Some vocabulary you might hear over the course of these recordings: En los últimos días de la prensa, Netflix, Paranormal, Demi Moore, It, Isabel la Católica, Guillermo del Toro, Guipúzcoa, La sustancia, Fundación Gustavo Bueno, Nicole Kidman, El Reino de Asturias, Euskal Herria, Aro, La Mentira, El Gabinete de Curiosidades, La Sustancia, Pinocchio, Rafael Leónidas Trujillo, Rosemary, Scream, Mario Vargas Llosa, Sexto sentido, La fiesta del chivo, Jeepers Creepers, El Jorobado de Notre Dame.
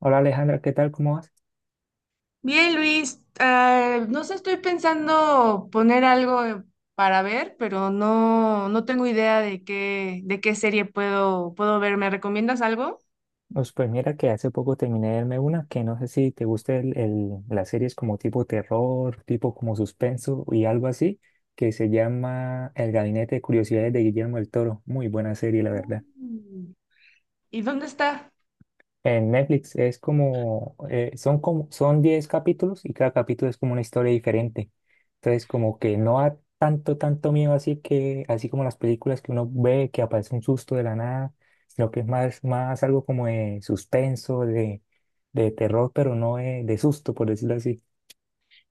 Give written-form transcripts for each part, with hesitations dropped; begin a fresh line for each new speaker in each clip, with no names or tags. Hola Alejandra, ¿qué tal? ¿Cómo vas?
Bien, Luis, no sé, estoy pensando poner algo para ver, pero no, no tengo idea de qué serie puedo ver. ¿Me recomiendas algo?
Pues mira que hace poco terminé de verme una que no sé si te gusta las series como tipo terror, tipo como suspenso y algo así, que se llama El Gabinete de Curiosidades de Guillermo del Toro. Muy buena serie, la verdad.
Mm. ¿Y dónde está?
En Netflix es como, son como, son 10 capítulos y cada capítulo es como una historia diferente. Entonces, como que no da tanto, tanto miedo, así que, así como las películas que uno ve que aparece un susto de la nada, sino que es más, más algo como de suspenso, de terror, pero no de susto, por decirlo así.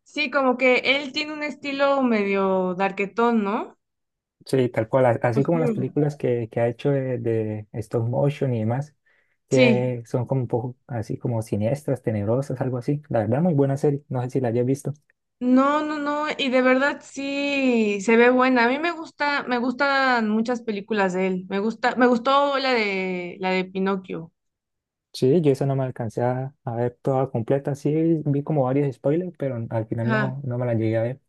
Sí, como que él tiene un estilo medio darketón, ¿no?
Sí, tal cual, así como las
Oscuro.
películas que ha hecho de stop motion y demás,
Sí.
que son como un poco así como siniestras, tenebrosas, algo así. La verdad, muy buena serie, no sé si la hayas visto.
No, no, no, y de verdad sí se ve buena. A mí me gusta, me gustan muchas películas de él. Me gusta, me gustó la de Pinocchio.
Sí, yo eso no me alcancé a ver toda completa. Sí, vi como varios spoilers, pero al final no me la llegué a ver.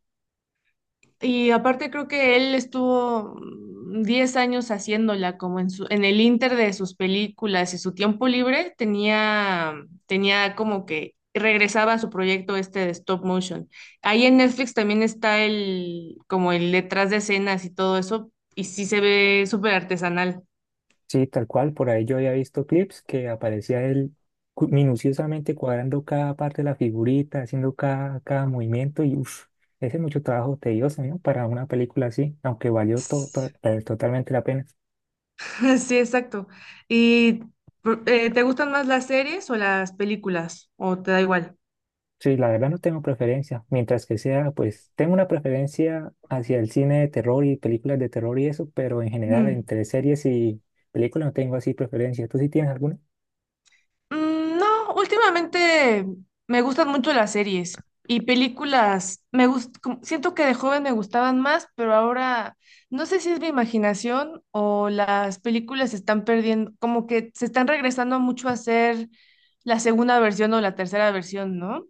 Y aparte creo que él estuvo 10 años haciéndola como en su, en el inter de sus películas y su tiempo libre tenía, tenía, como que regresaba a su proyecto este de stop motion. Ahí en Netflix también está el, como el detrás de escenas y todo eso, y sí se ve súper artesanal.
Sí, tal cual, por ahí yo había visto clips que aparecía él minuciosamente cuadrando cada parte de la figurita, haciendo cada movimiento y uff, ese es mucho trabajo tedioso, ¿no? Para una película así, aunque valió totalmente la pena.
Sí, exacto. ¿Y te gustan más las series o las películas? ¿O te da igual?
Sí, la verdad no tengo preferencia. Mientras que sea, pues tengo una preferencia hacia el cine de terror y películas de terror y eso, pero en general entre series y películas no tengo así preferencia. ¿Tú sí tienes alguna?
No, últimamente me gustan mucho las series y películas. Siento que de joven me gustaban más, pero ahora no sé si es mi imaginación o las películas se están perdiendo, como que se están regresando mucho a ser la segunda versión o la tercera versión, ¿no?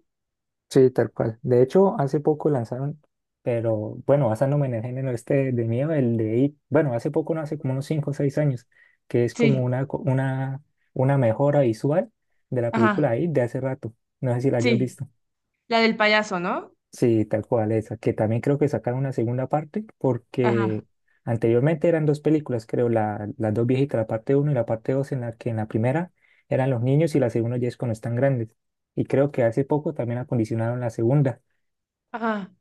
Sí, tal cual. De hecho, hace poco lanzaron. Pero bueno, basándome en el género este de miedo, el de It, bueno, hace poco, no hace como unos 5 o 6 años, que es como
Sí,
una mejora visual de la
ajá,
película It de hace rato. No sé si la hayas
sí,
visto.
la del payaso, ¿no?
Sí, tal cual esa, que también creo que sacaron una segunda parte
Ajá,
porque anteriormente eran dos películas, creo, las dos viejitas, la parte uno y la parte dos, en la que en la primera eran los niños y la segunda ya es cuando están grandes. Y creo que hace poco también acondicionaron la segunda,
ajá.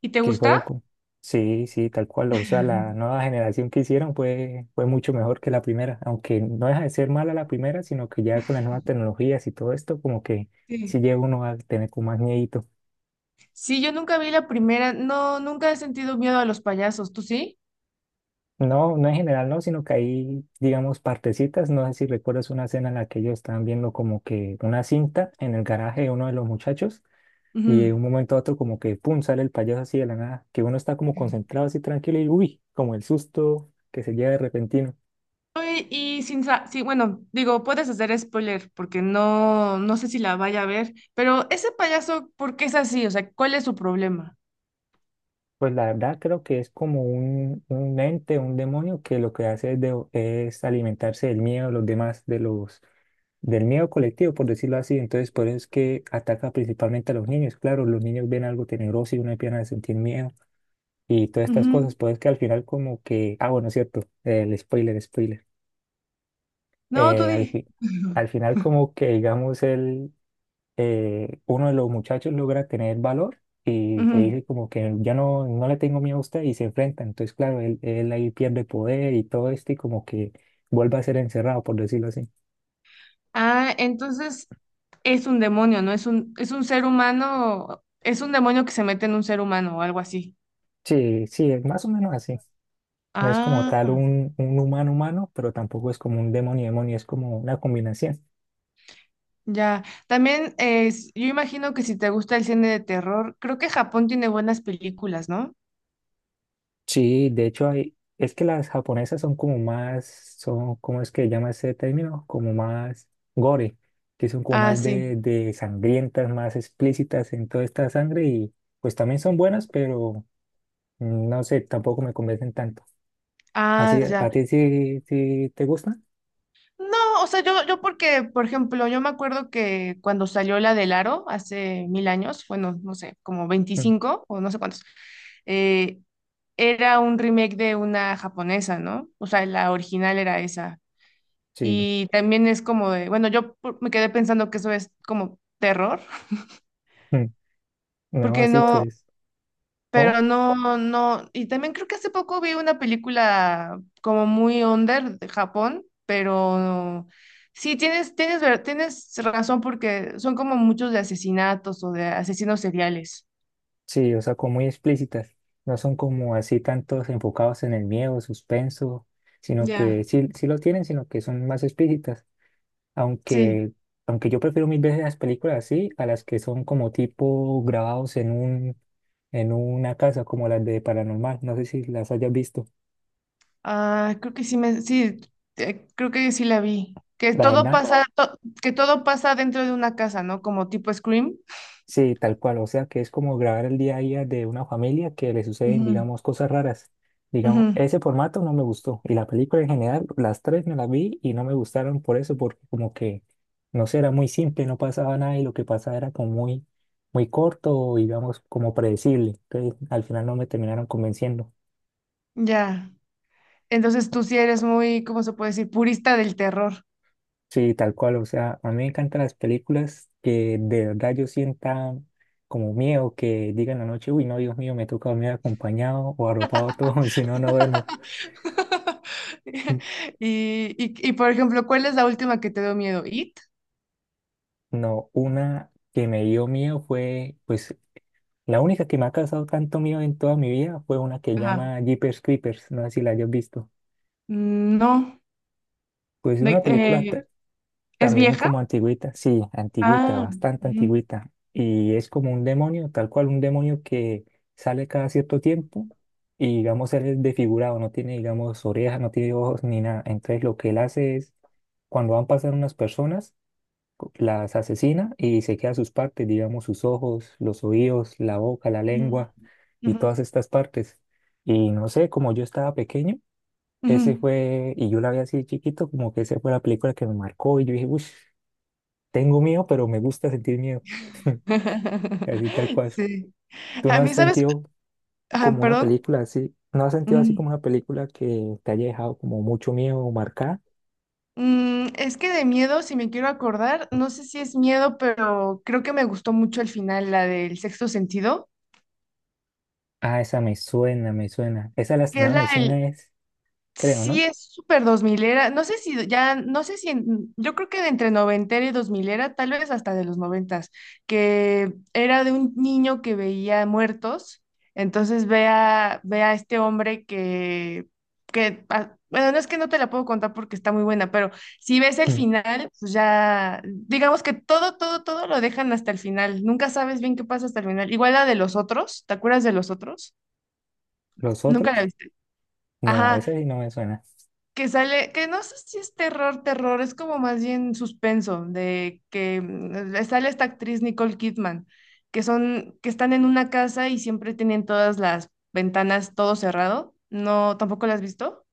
¿Y te
que fueron
gusta?
con. Sí, sí, tal cual, o sea, la nueva generación que hicieron fue mucho mejor que la primera, aunque no deja de ser mala la primera, sino que ya con las nuevas tecnologías y todo esto, como que sí
Sí.
llega uno a tener como más miedo.
Sí, yo nunca vi la primera, no, nunca he sentido miedo a los payasos, ¿tú sí?
No, no en general, no, sino que hay, digamos, partecitas. No sé si recuerdas una escena en la que ellos estaban viendo como que una cinta en el garaje de uno de los muchachos y de un
Ujú.
momento a otro, como que pum, sale el payaso así de la nada, que uno está como concentrado así tranquilo y, uy, como el susto que se lleva de repentino.
Oye, y sin, sa- sí, bueno, digo, puedes hacer spoiler porque no, no sé si la vaya a ver, pero ese payaso, ¿por qué es así? O sea, ¿cuál es su problema?
Pues la verdad creo que es como un ente, un demonio que lo que hace es, es alimentarse del miedo de los demás, del miedo colectivo, por decirlo así. Entonces, por eso es que ataca principalmente a los niños. Claro, los niños ven algo tenebroso y uno empieza a sentir miedo y todas estas
Ujú.
cosas. Pues que al final como que, ah, bueno, es cierto, el spoiler, spoiler.
No, tú
Eh, al
di.
fi- Al final como que, digamos, él uno de los muchachos logra tener valor y
Ujú.
le
Mm.
dice como que ya no le tengo miedo a usted y se enfrenta. Entonces, claro, él ahí pierde poder y todo esto y como que vuelve a ser encerrado, por decirlo así.
Ah, entonces es un demonio, ¿no? Es un ser humano, es un demonio que se mete en un ser humano o algo así.
Sí, sí, es más o menos así. No es como tal
Ah.
un humano humano, pero tampoco es como un demonio demonio, es como una combinación.
Ya, también es, yo imagino que si te gusta el cine de terror, creo que Japón tiene buenas películas, ¿no?
Sí, de hecho hay, es que las japonesas son como más, son, ¿cómo es que se llama ese término? Como más gore, que son como
Ah,
más de,
sí.
de sangrientas, más explícitas en toda esta sangre y pues también son buenas, pero no sé, tampoco me convencen tanto. Así,
Ah,
¿a
ya.
ti sí, sí te gustan?
No, o sea, yo porque, por ejemplo, yo me acuerdo que cuando salió la del Aro hace mil años, bueno, no sé, como
Mm,
25 o no sé cuántos, eh, era un remake de una japonesa, ¿no? O sea, la original era esa.
sí,
Y también es como de, bueno, me quedé pensando que eso es como terror,
mm, no,
porque
así
no,
pues, ¿cómo?
pero no, no, y también creo que hace poco vi una película como muy under de Japón, pero sí, tienes razón porque son como muchos de asesinatos o de asesinos seriales.
Sí, o sea, como muy explícitas, no son como así tantos enfocados en el miedo, suspenso, sino
Ya.
que sí, sí lo tienen, sino que son más explícitas.
Sí,
Aunque, aunque yo prefiero mil veces las películas así a las que son como tipo grabados en en una casa como las de Paranormal. No sé si las hayas visto.
ah, creo que sí la vi. Que
La
todo
verdad.
pasa, to- que todo pasa dentro de una casa, ¿no? Como tipo Scream.
Sí, tal cual, o sea que es como grabar el día a día de una familia que le suceden,
Ujú.
digamos, cosas raras. Digamos,
Ujú,
ese formato no me gustó y la película en general, las tres me las vi y no me gustaron por eso, porque como que, no sé, era muy simple, no pasaba nada y lo que pasaba era como muy, muy corto, digamos, como predecible. Entonces, al final no me terminaron convenciendo.
ya. Entonces tú sí eres muy, ¿cómo se puede decir? Purista del terror.
Sí, tal cual, o sea, a mí me encantan las películas que de verdad yo sienta como miedo, que digan la noche, uy, no, Dios mío, me toca dormir acompañado o arropado todo, si no, no duermo.
Y, por ejemplo, ¿cuál es la última que te dio miedo? ¿It?
No, una que me dio miedo fue, pues, la única que me ha causado tanto miedo en toda mi vida fue una que
Ajá.
llama Jeepers Creepers, no sé si la hayas visto.
No.
Pues
De-
una película.
Eh, eh, ¿Es
También
vieja?
como antigüita, sí, antigüita,
Ah.
bastante
Ujú,
antigüita. Y es como un demonio, tal cual un demonio que sale cada cierto tiempo y digamos él es desfigurado, no tiene digamos orejas, no tiene ojos ni nada. Entonces lo que él hace es, cuando van pasando unas personas, las asesina y se queda sus partes, digamos sus ojos, los oídos, la boca, la
ujú,
lengua y
ujú,
todas estas partes. Y no sé, como yo estaba pequeño, ese
ujú.
fue, y yo la vi así de chiquito, como que esa fue la película que me marcó y yo dije, uff. Tengo miedo, pero me gusta sentir miedo, así tal cual.
Sí.
¿Tú no
A
has
mí, ¿sabes?
sentido
Ah,
como una
perdón.
película así, no has sentido así
Ujú.
como una película que te haya dejado como mucho miedo o marcada?
Es que de miedo, si me quiero acordar, no sé si es miedo, pero creo que me gustó mucho el final, la del sexto sentido,
Ah, esa me suena, me suena. Esa la
que es
estrenaron
la
en
del,
cines, creo,
sí,
¿no?
es súper dos milera. No sé si ya, no sé si, en- Yo creo que de entre noventera y dos milera, tal vez hasta de los noventas, que era de un niño que veía muertos. Entonces ve a, ve a, este hombre que, que, bueno, no es que no te la puedo contar porque está muy buena, pero si ves el
Mm.
final, pues ya, digamos que todo, todo, todo lo dejan hasta el final. Nunca sabes bien qué pasa hasta el final. Igual la de los otros, ¿te acuerdas de los otros?
¿Los
Nunca la
otros?
viste.
No,
Ajá
esa sí no me suena.
que sale, que no sé si es terror, terror, es como más bien suspenso, de que sale esta actriz Nicole Kidman, que son, que están en una casa y siempre tienen todas las ventanas todo cerrado. No, ¿tampoco la has visto?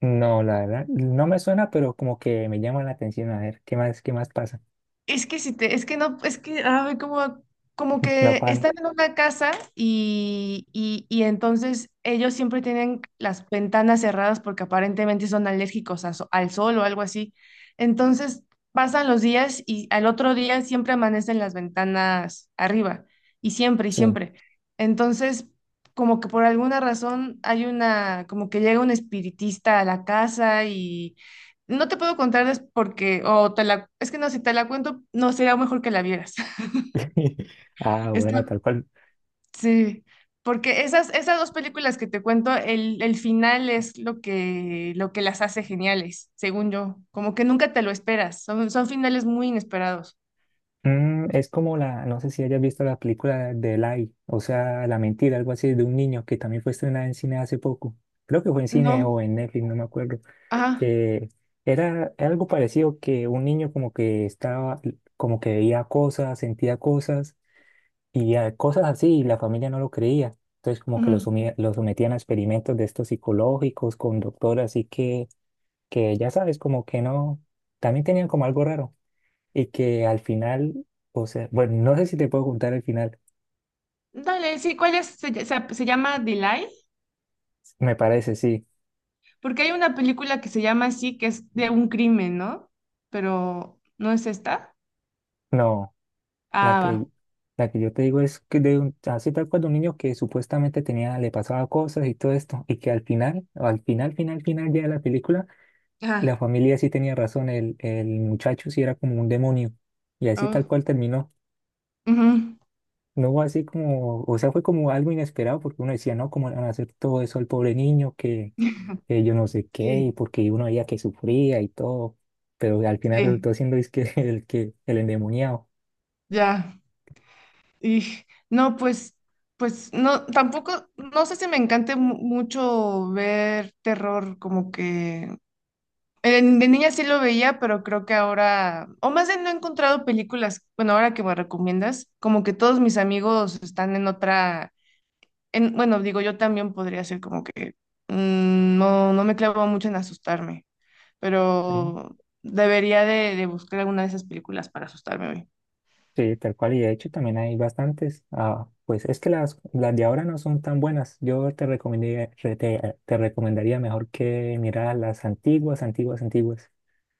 No, la verdad, no me suena, pero como que me llama la atención a ver qué más pasa.
Es que si te, es que no, es que, ay, como
No
que
paro.
están en una casa y, entonces ellos siempre tienen las ventanas cerradas porque aparentemente son alérgicos a so- al sol o algo así. Entonces pasan los días y al otro día siempre amanecen las ventanas arriba y siempre y
Sí.
siempre. Entonces, como que por alguna razón hay una, como que llega un espiritista a la casa y no te puedo contar porque, o te la, es que no, si te la cuento, no sería mejor que la vieras.
Ah,
Está,
bueno, tal cual.
sí, porque esas dos películas que te cuento, el final es lo que, las hace geniales, según yo. Como que nunca te lo esperas, son finales muy inesperados.
Es como no sé si hayas visto la película de Lie, o sea, La Mentira, algo así, de un niño que también fue estrenada en cine hace poco. Creo que fue en cine
No,
o en Netflix, no me acuerdo.
ajá.
Que era algo parecido, que un niño como que estaba, como que veía cosas, sentía cosas y cosas así, y la familia no lo creía. Entonces como que
Ujú.
lo sometían a experimentos de estos psicológicos con doctor, así que ya sabes, como que no, también tenían como algo raro y que al final, o sea, bueno, no sé si te puedo contar el final,
Dale, sí, ¿cuál es? Se llama Delay,
me parece, sí.
porque hay una película que se llama así, que es de un crimen, ¿no? Pero, ¿no es esta?
No, la
Ah,
que,
va.
la que yo te digo es que de un, así tal cual de un niño que supuestamente tenía, le pasaba cosas y todo esto, y que al final, final, final ya de la película,
Ajá.
la familia sí tenía razón, el muchacho sí era como un demonio, y así
Oh,
tal cual terminó.
ujú.
No, así como, o sea, fue como algo inesperado porque uno decía, no, ¿cómo le van a hacer todo eso al pobre niño que yo no sé qué? Y
Sí,
porque uno veía que sufría y todo, pero al final
sí,
resultó siendo es que el endemoniado.
ya. Y no, pues no, tampoco, no sé si me encante mucho ver terror, como que de niña sí lo veía, pero creo que ahora, o más bien no he encontrado películas, bueno, ahora que me recomiendas, como que todos mis amigos están en otra, en, bueno, digo, yo también podría ser como que no, no me clavo mucho en asustarme,
Sí,
pero debería de buscar alguna de esas películas para asustarme hoy.
sí, tal cual, y de hecho también hay bastantes. Ah, pues es que las de ahora no son tan buenas. Yo te recomendaría, te recomendaría mejor que mirar las antiguas, antiguas, antiguas.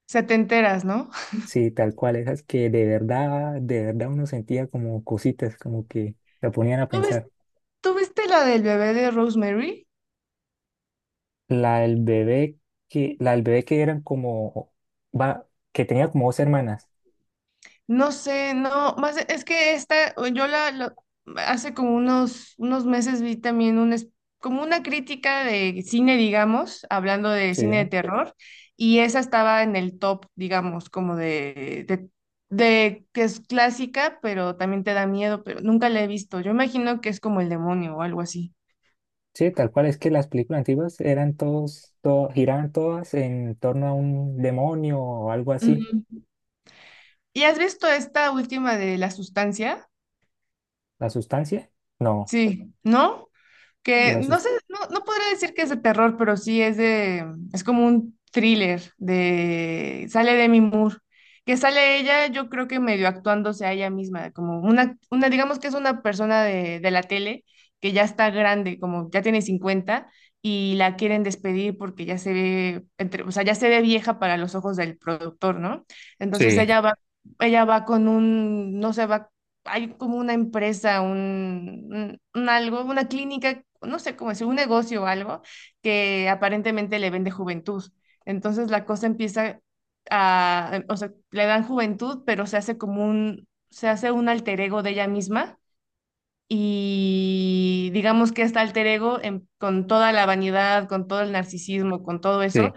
Se te enteras, ¿no?
Sí, tal cual, esas que de verdad uno sentía como cositas, como que la ponían a
¿Tú ves-
pensar.
tú viste la del bebé de Rosemary?
La del bebé la del bebé que eran como, va, que tenía como dos hermanas.
No sé, no, más es que esta, hace como unos meses vi también un, como una crítica de cine, digamos, hablando de
Sí,
cine de terror, y esa estaba en el top, digamos, como de que es clásica, pero también te da miedo, pero nunca la he visto. Yo imagino que es como el demonio o algo así.
sí, tal cual, es que las películas antiguas eran giraban todas en torno a un demonio o algo así.
Ujú. ¿Y has visto esta última de la sustancia?
¿La sustancia? No,
Sí, ¿no? Que
la
no
sus-
sé, no, no podría decir que es de terror, pero sí es de, es como un thriller de, sale Demi Moore, que sale ella, yo creo que medio actuándose a ella misma, como una, digamos que es una persona de la tele que ya está grande, como ya tiene 50 y la quieren despedir porque ya se ve, o sea, ya se ve vieja para los ojos del productor, ¿no? Entonces
Sí,
ella va con un, no sé, va hay como una empresa, un, un algo, una clínica, no sé cómo decir, un negocio o algo que aparentemente le vende juventud. Entonces la cosa empieza a, o sea, le dan juventud, pero se hace como un, se hace un alter ego de ella misma. Y digamos que este alter ego, con toda la vanidad, con todo el narcisismo, con todo
sí,
eso,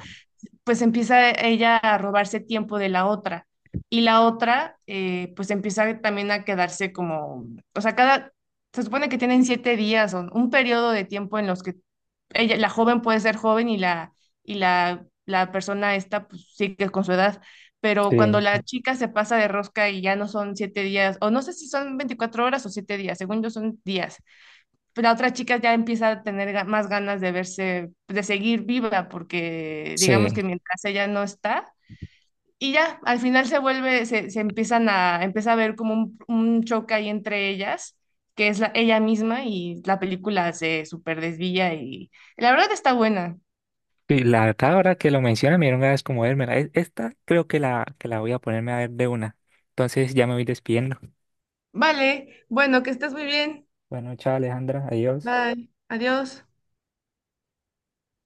pues empieza ella a robarse tiempo de la otra y la otra pues empieza también a quedarse como, o sea, cada, se supone que tienen 7 días o un periodo de tiempo en los que ella, la joven puede ser joven y la persona esta pues sigue con su edad, pero
sí,
cuando la chica se pasa de rosca y ya no son 7 días, o no sé si son 24 horas o 7 días, según yo son días, la otra chica ya empieza a tener más ganas de verse, de seguir viva, porque digamos
sí.
que mientras ella no está, y ya, al final se vuelve, se empiezan a, empieza a ver como un choque ahí entre ellas, que es la, ella misma, y la película se súper desvía y la verdad está buena.
Y la verdad, ahora que lo menciona, me dieron ganas como vérmela. Esta creo que que la voy a ponerme a ver de una. Entonces ya me voy despidiendo.
Vale, bueno, que estés muy bien.
Bueno, chao Alejandra, adiós.
Bye, adiós.